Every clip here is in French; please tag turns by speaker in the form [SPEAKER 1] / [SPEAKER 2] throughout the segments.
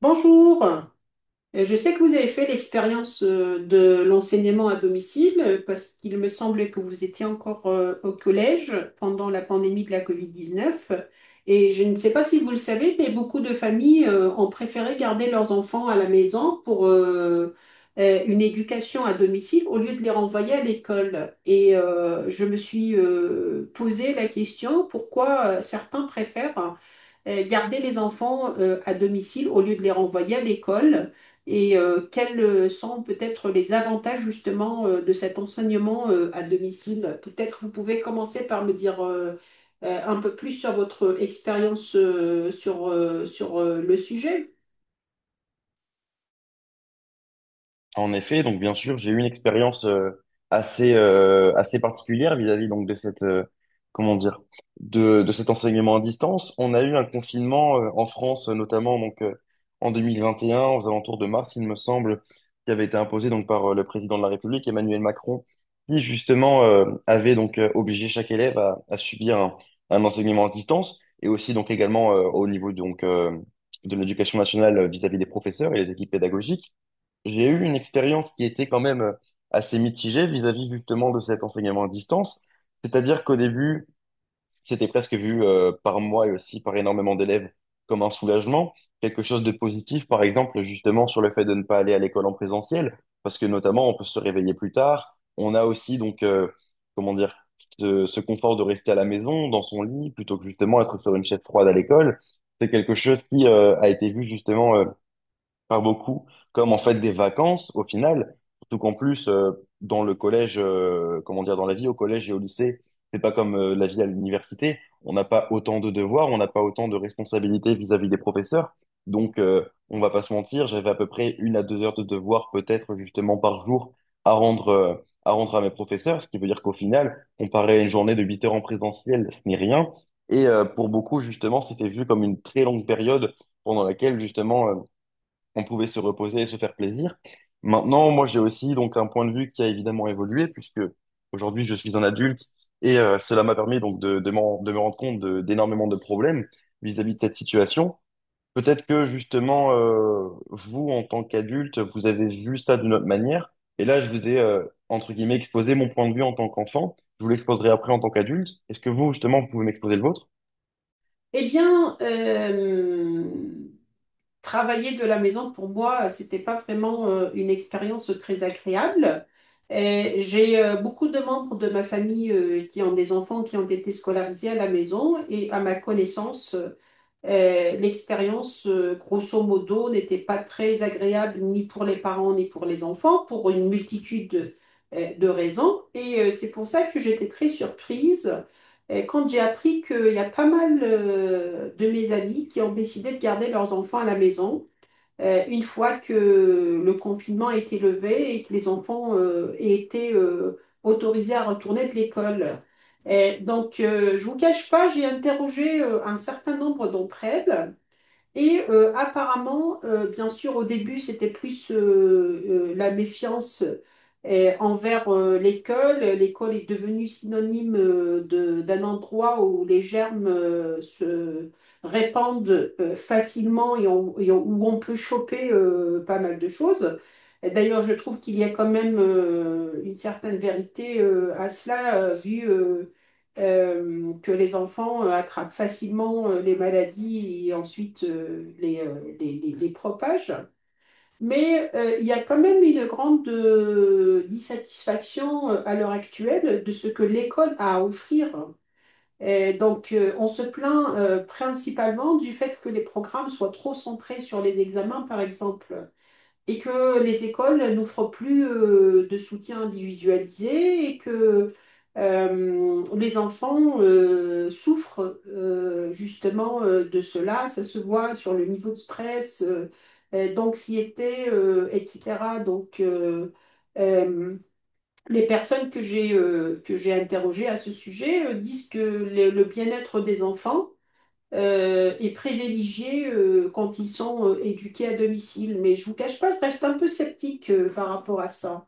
[SPEAKER 1] Bonjour. Je sais que vous avez fait l'expérience de l'enseignement à domicile parce qu'il me semblait que vous étiez encore au collège pendant la pandémie de la COVID-19. Et je ne sais pas si vous le savez, mais beaucoup de familles ont préféré garder leurs enfants à la maison pour une éducation à domicile au lieu de les renvoyer à l'école. Et je me suis posé la question pourquoi certains préfèrent garder les enfants à domicile au lieu de les renvoyer à l'école et quels sont peut-être les avantages justement de cet enseignement à domicile? Peut-être vous pouvez commencer par me dire un peu plus sur votre expérience sur le sujet.
[SPEAKER 2] En effet, donc bien sûr, j'ai eu une expérience assez assez particulière vis-à-vis donc de cette comment dire de cet enseignement à distance. On a eu un confinement en France notamment donc en 2021 aux alentours de mars, il me semble, qui avait été imposé donc par le président de la République Emmanuel Macron, qui justement avait donc obligé chaque élève à subir un enseignement à distance et aussi donc également au niveau donc de l'éducation nationale vis-à-vis des professeurs et les équipes pédagogiques. J'ai eu une expérience qui était quand même assez mitigée vis-à-vis justement de cet enseignement à distance. C'est-à-dire qu'au début, c'était presque vu par moi et aussi par énormément d'élèves comme un soulagement, quelque chose de positif, par exemple, justement sur le fait de ne pas aller à l'école en présentiel, parce que notamment, on peut se réveiller plus tard. On a aussi donc comment dire, ce confort de rester à la maison, dans son lit, plutôt que justement être sur une chaise froide à l'école. C'est quelque chose qui a été vu justement par beaucoup, comme en fait des vacances au final, surtout qu'en plus dans le collège, comment dire, dans la vie au collège et au lycée, c'est pas comme la vie à l'université, on n'a pas autant de devoirs, on n'a pas autant de responsabilités vis-à-vis des professeurs, donc on va pas se mentir, j'avais à peu près une à 2 heures de devoirs peut-être justement par jour à rendre à rendre à mes professeurs, ce qui veut dire qu'au final, comparé à une journée de 8 heures en présentiel, ce n'est rien. Pour beaucoup, justement, c'était vu comme une très longue période pendant laquelle, justement, on pouvait se reposer et se faire plaisir. Maintenant, moi, j'ai aussi donc un point de vue qui a évidemment évolué puisque aujourd'hui, je suis un adulte et cela m'a permis donc de me rendre compte d'énormément de problèmes vis-à-vis de cette situation. Peut-être que justement, vous, en tant qu'adulte, vous avez vu ça d'une autre manière. Et là, je vous ai, entre guillemets, exposé mon point de vue en tant qu'enfant. Je vous l'exposerai après en tant qu'adulte. Est-ce que vous, justement, vous pouvez m'exposer le vôtre?
[SPEAKER 1] Eh bien, travailler de la maison pour moi, c'était pas vraiment une expérience très agréable. Et j'ai beaucoup de membres de ma famille qui ont des enfants qui ont été scolarisés à la maison et à ma connaissance. L'expérience, grosso modo, n'était pas très agréable ni pour les parents ni pour les enfants, pour une multitude de raisons. Et c'est pour ça que j'étais très surprise quand j'ai appris qu'il y a pas mal de mes amis qui ont décidé de garder leurs enfants à la maison une fois que le confinement a été levé et que les enfants aient été autorisés à retourner de l'école. Et donc, je vous cache pas, j'ai interrogé un certain nombre d'entre elles. Et apparemment, bien sûr, au début, c'était plus la méfiance envers l'école. L'école est devenue synonyme d'un endroit où les germes se répandent facilement et, où on peut choper pas mal de choses. Et d'ailleurs, je trouve qu'il y a quand même une certaine vérité à cela, vu que les enfants attrapent facilement les maladies et ensuite les propagent. Mais il y a quand même une grande dissatisfaction à l'heure actuelle de ce que l'école a à offrir. Et donc, on se plaint principalement du fait que les programmes soient trop centrés sur les examens, par exemple, et que les écoles n'offrent plus de soutien individualisé et que les enfants souffrent justement de cela. Ça se voit sur le niveau de stress, d'anxiété, etc. Donc, euh, les personnes que j'ai interrogées à ce sujet disent que le bien-être des enfants est privilégié quand ils sont éduqués à domicile. Mais je ne vous cache pas, je reste un peu sceptique par rapport à ça.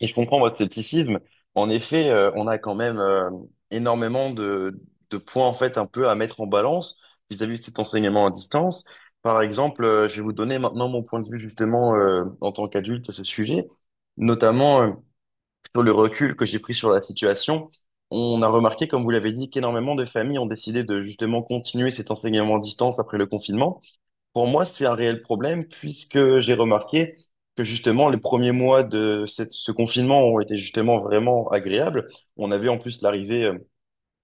[SPEAKER 2] Et je comprends votre scepticisme. En effet, on a quand même énormément de points en fait un peu à mettre en balance vis-à-vis de cet enseignement à distance. Par exemple, je vais vous donner maintenant mon point de vue justement en tant qu'adulte à ce sujet, notamment sur le recul que j'ai pris sur la situation. On a remarqué, comme vous l'avez dit, qu'énormément de familles ont décidé de justement continuer cet enseignement à distance après le confinement. Pour moi, c'est un réel problème puisque j'ai remarqué que justement les premiers mois de ce confinement ont été justement vraiment agréables. On avait en plus l'arrivée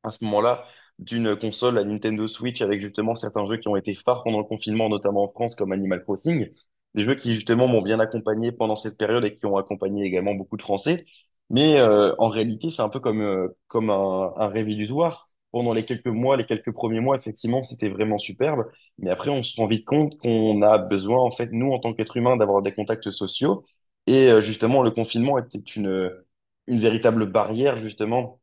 [SPEAKER 2] à ce moment-là d'une console, la Nintendo Switch, avec justement certains jeux qui ont été phares pendant le confinement, notamment en France, comme Animal Crossing, des jeux qui justement m'ont bien accompagné pendant cette période et qui ont accompagné également beaucoup de Français. En réalité, c'est un peu comme, comme un rêve illusoire. Pendant les quelques mois, les quelques premiers mois, effectivement, c'était vraiment superbe. Mais après, on se rend vite compte qu'on a besoin, en fait, nous, en tant qu'êtres humains, d'avoir des contacts sociaux. Et justement, le confinement était une véritable barrière, justement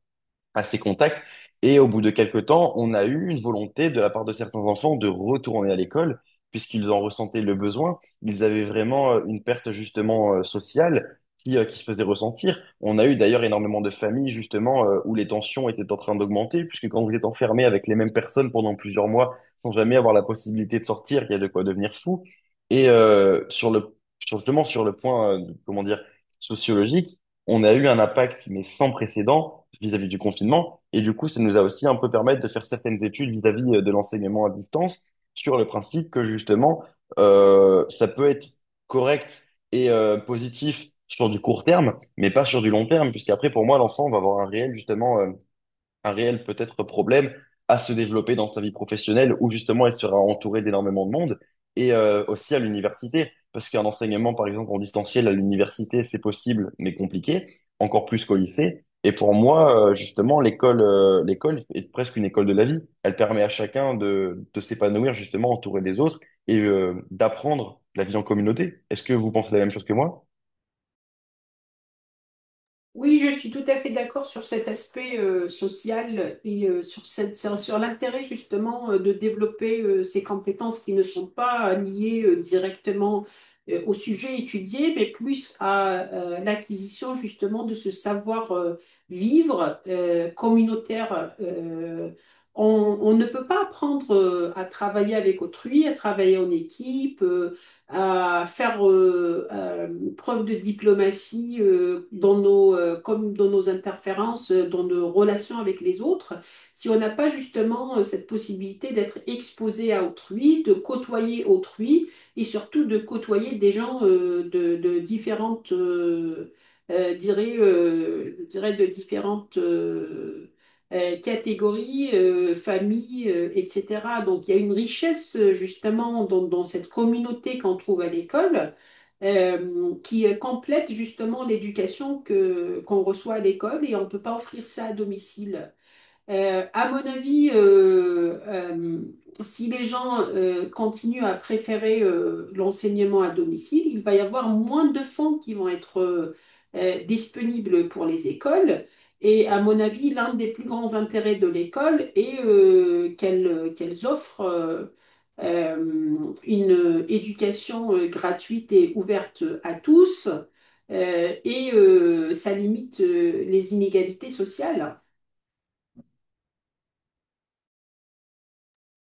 [SPEAKER 2] à ses contacts. Et au bout de quelques temps, on a eu une volonté de la part de certains enfants de retourner à l'école, puisqu'ils en ressentaient le besoin. Ils avaient vraiment une perte justement sociale qui se faisait ressentir. On a eu d'ailleurs énormément de familles justement où les tensions étaient en train d'augmenter, puisque quand vous êtes enfermé avec les mêmes personnes pendant plusieurs mois sans jamais avoir la possibilité de sortir, il y a de quoi devenir fou. Sur le, justement sur le point, comment dire, sociologique, on a eu un impact, mais sans précédent, vis-à-vis du confinement. Et du coup, ça nous a aussi un peu permis de faire certaines études vis-à-vis de l'enseignement à distance sur le principe que justement, ça peut être correct et positif sur du court terme, mais pas sur du long terme, puisqu'après, pour moi, l'enfant va avoir un réel, justement, un réel peut-être problème à se développer dans sa vie professionnelle où justement elle sera entourée d'énormément de monde et aussi à l'université. Parce qu'un enseignement, par exemple, en distanciel à l'université, c'est possible, mais compliqué, encore plus qu'au lycée. Et pour moi, justement, l'école, l'école est presque une école de la vie. Elle permet à chacun de s'épanouir, justement, entouré des autres et d'apprendre la vie en communauté. Est-ce que vous pensez la même chose que moi?
[SPEAKER 1] Oui, je suis tout à fait d'accord sur cet aspect social et sur cette, sur l'intérêt justement de développer ces compétences qui ne sont pas liées directement au sujet étudié, mais plus à l'acquisition justement de ce savoir-vivre communautaire. On, on ne peut pas apprendre à travailler avec autrui, à travailler en équipe. À faire preuve de diplomatie dans nos, comme dans nos interférences, dans nos relations avec les autres, si on n'a pas justement cette possibilité d'être exposé à autrui, de côtoyer autrui et surtout de côtoyer des gens de différentes, je dirais de différentes catégories, familles, etc. Donc il y a une richesse justement dans cette communauté qu'on trouve à l'école qui complète justement l'éducation qu'on reçoit à l'école et on ne peut pas offrir ça à domicile. À mon avis, Si les gens continuent à préférer l'enseignement à domicile, il va y avoir moins de fonds qui vont être disponibles pour les écoles. Et à mon avis, l'un des plus grands intérêts de l'école est qu'elles offrent euh, une éducation gratuite et ouverte à tous, ça limite les inégalités sociales.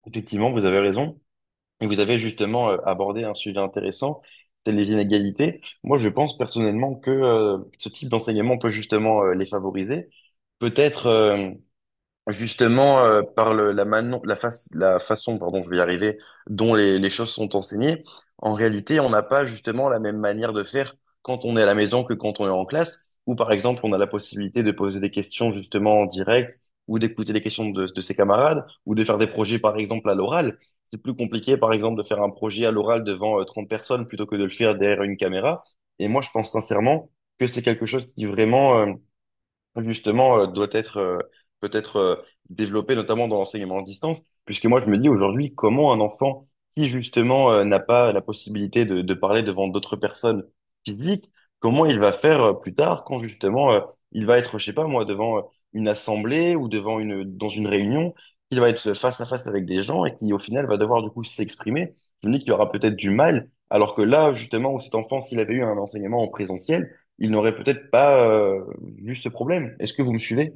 [SPEAKER 2] Effectivement, vous avez raison. Et vous avez justement abordé un sujet intéressant, c'est les inégalités. Moi, je pense personnellement que ce type d'enseignement peut justement les favoriser. Peut-être Justement, par la, la, la façon, pardon, je vais y arriver, dont les choses sont enseignées, en réalité, on n'a pas justement la même manière de faire quand on est à la maison que quand on est en classe, où par exemple, on a la possibilité de poser des questions justement en direct, ou d'écouter les questions de ses camarades, ou de faire des projets par exemple à l'oral. C'est plus compliqué, par exemple, de faire un projet à l'oral devant 30 personnes plutôt que de le faire derrière une caméra. Et moi, je pense sincèrement que c'est quelque chose qui vraiment, justement, doit être peut-être développé, notamment dans l'enseignement à distance, puisque moi, je me dis aujourd'hui, comment un enfant qui, justement, n'a pas la possibilité de parler devant d'autres personnes physiques, comment il va faire plus tard quand, justement, il va être, je sais pas moi, devant une assemblée ou devant dans une réunion, il va être face à face avec des gens et qui, au final, va devoir, du coup, s'exprimer. Je me dis qu'il aura peut-être du mal, alors que là, justement, où cet enfant, s'il avait eu un enseignement en présentiel, ils n'auraient peut-être pas vu ce problème. Est-ce que vous me suivez?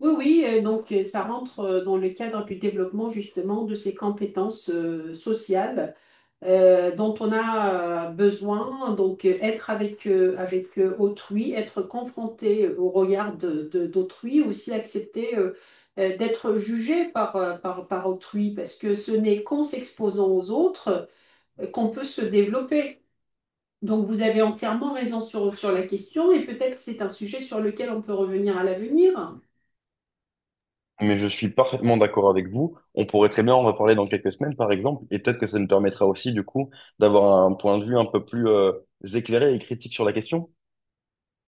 [SPEAKER 1] Oui, oui, donc ça rentre dans le cadre du développement justement de ces compétences sociales dont on a besoin, donc être avec, avec autrui, être confronté au regard d'autrui, aussi accepter d'être jugé par par autrui, parce que ce n'est qu'en s'exposant aux autres qu'on peut se développer. Donc vous avez entièrement raison sur la question et peut-être c'est un sujet sur lequel on peut revenir à l'avenir.
[SPEAKER 2] Mais je suis parfaitement d'accord avec vous. On pourrait très bien en reparler dans quelques semaines, par exemple, et peut-être que ça nous permettra aussi, du coup, d'avoir un point de vue un peu plus éclairé et critique sur la question.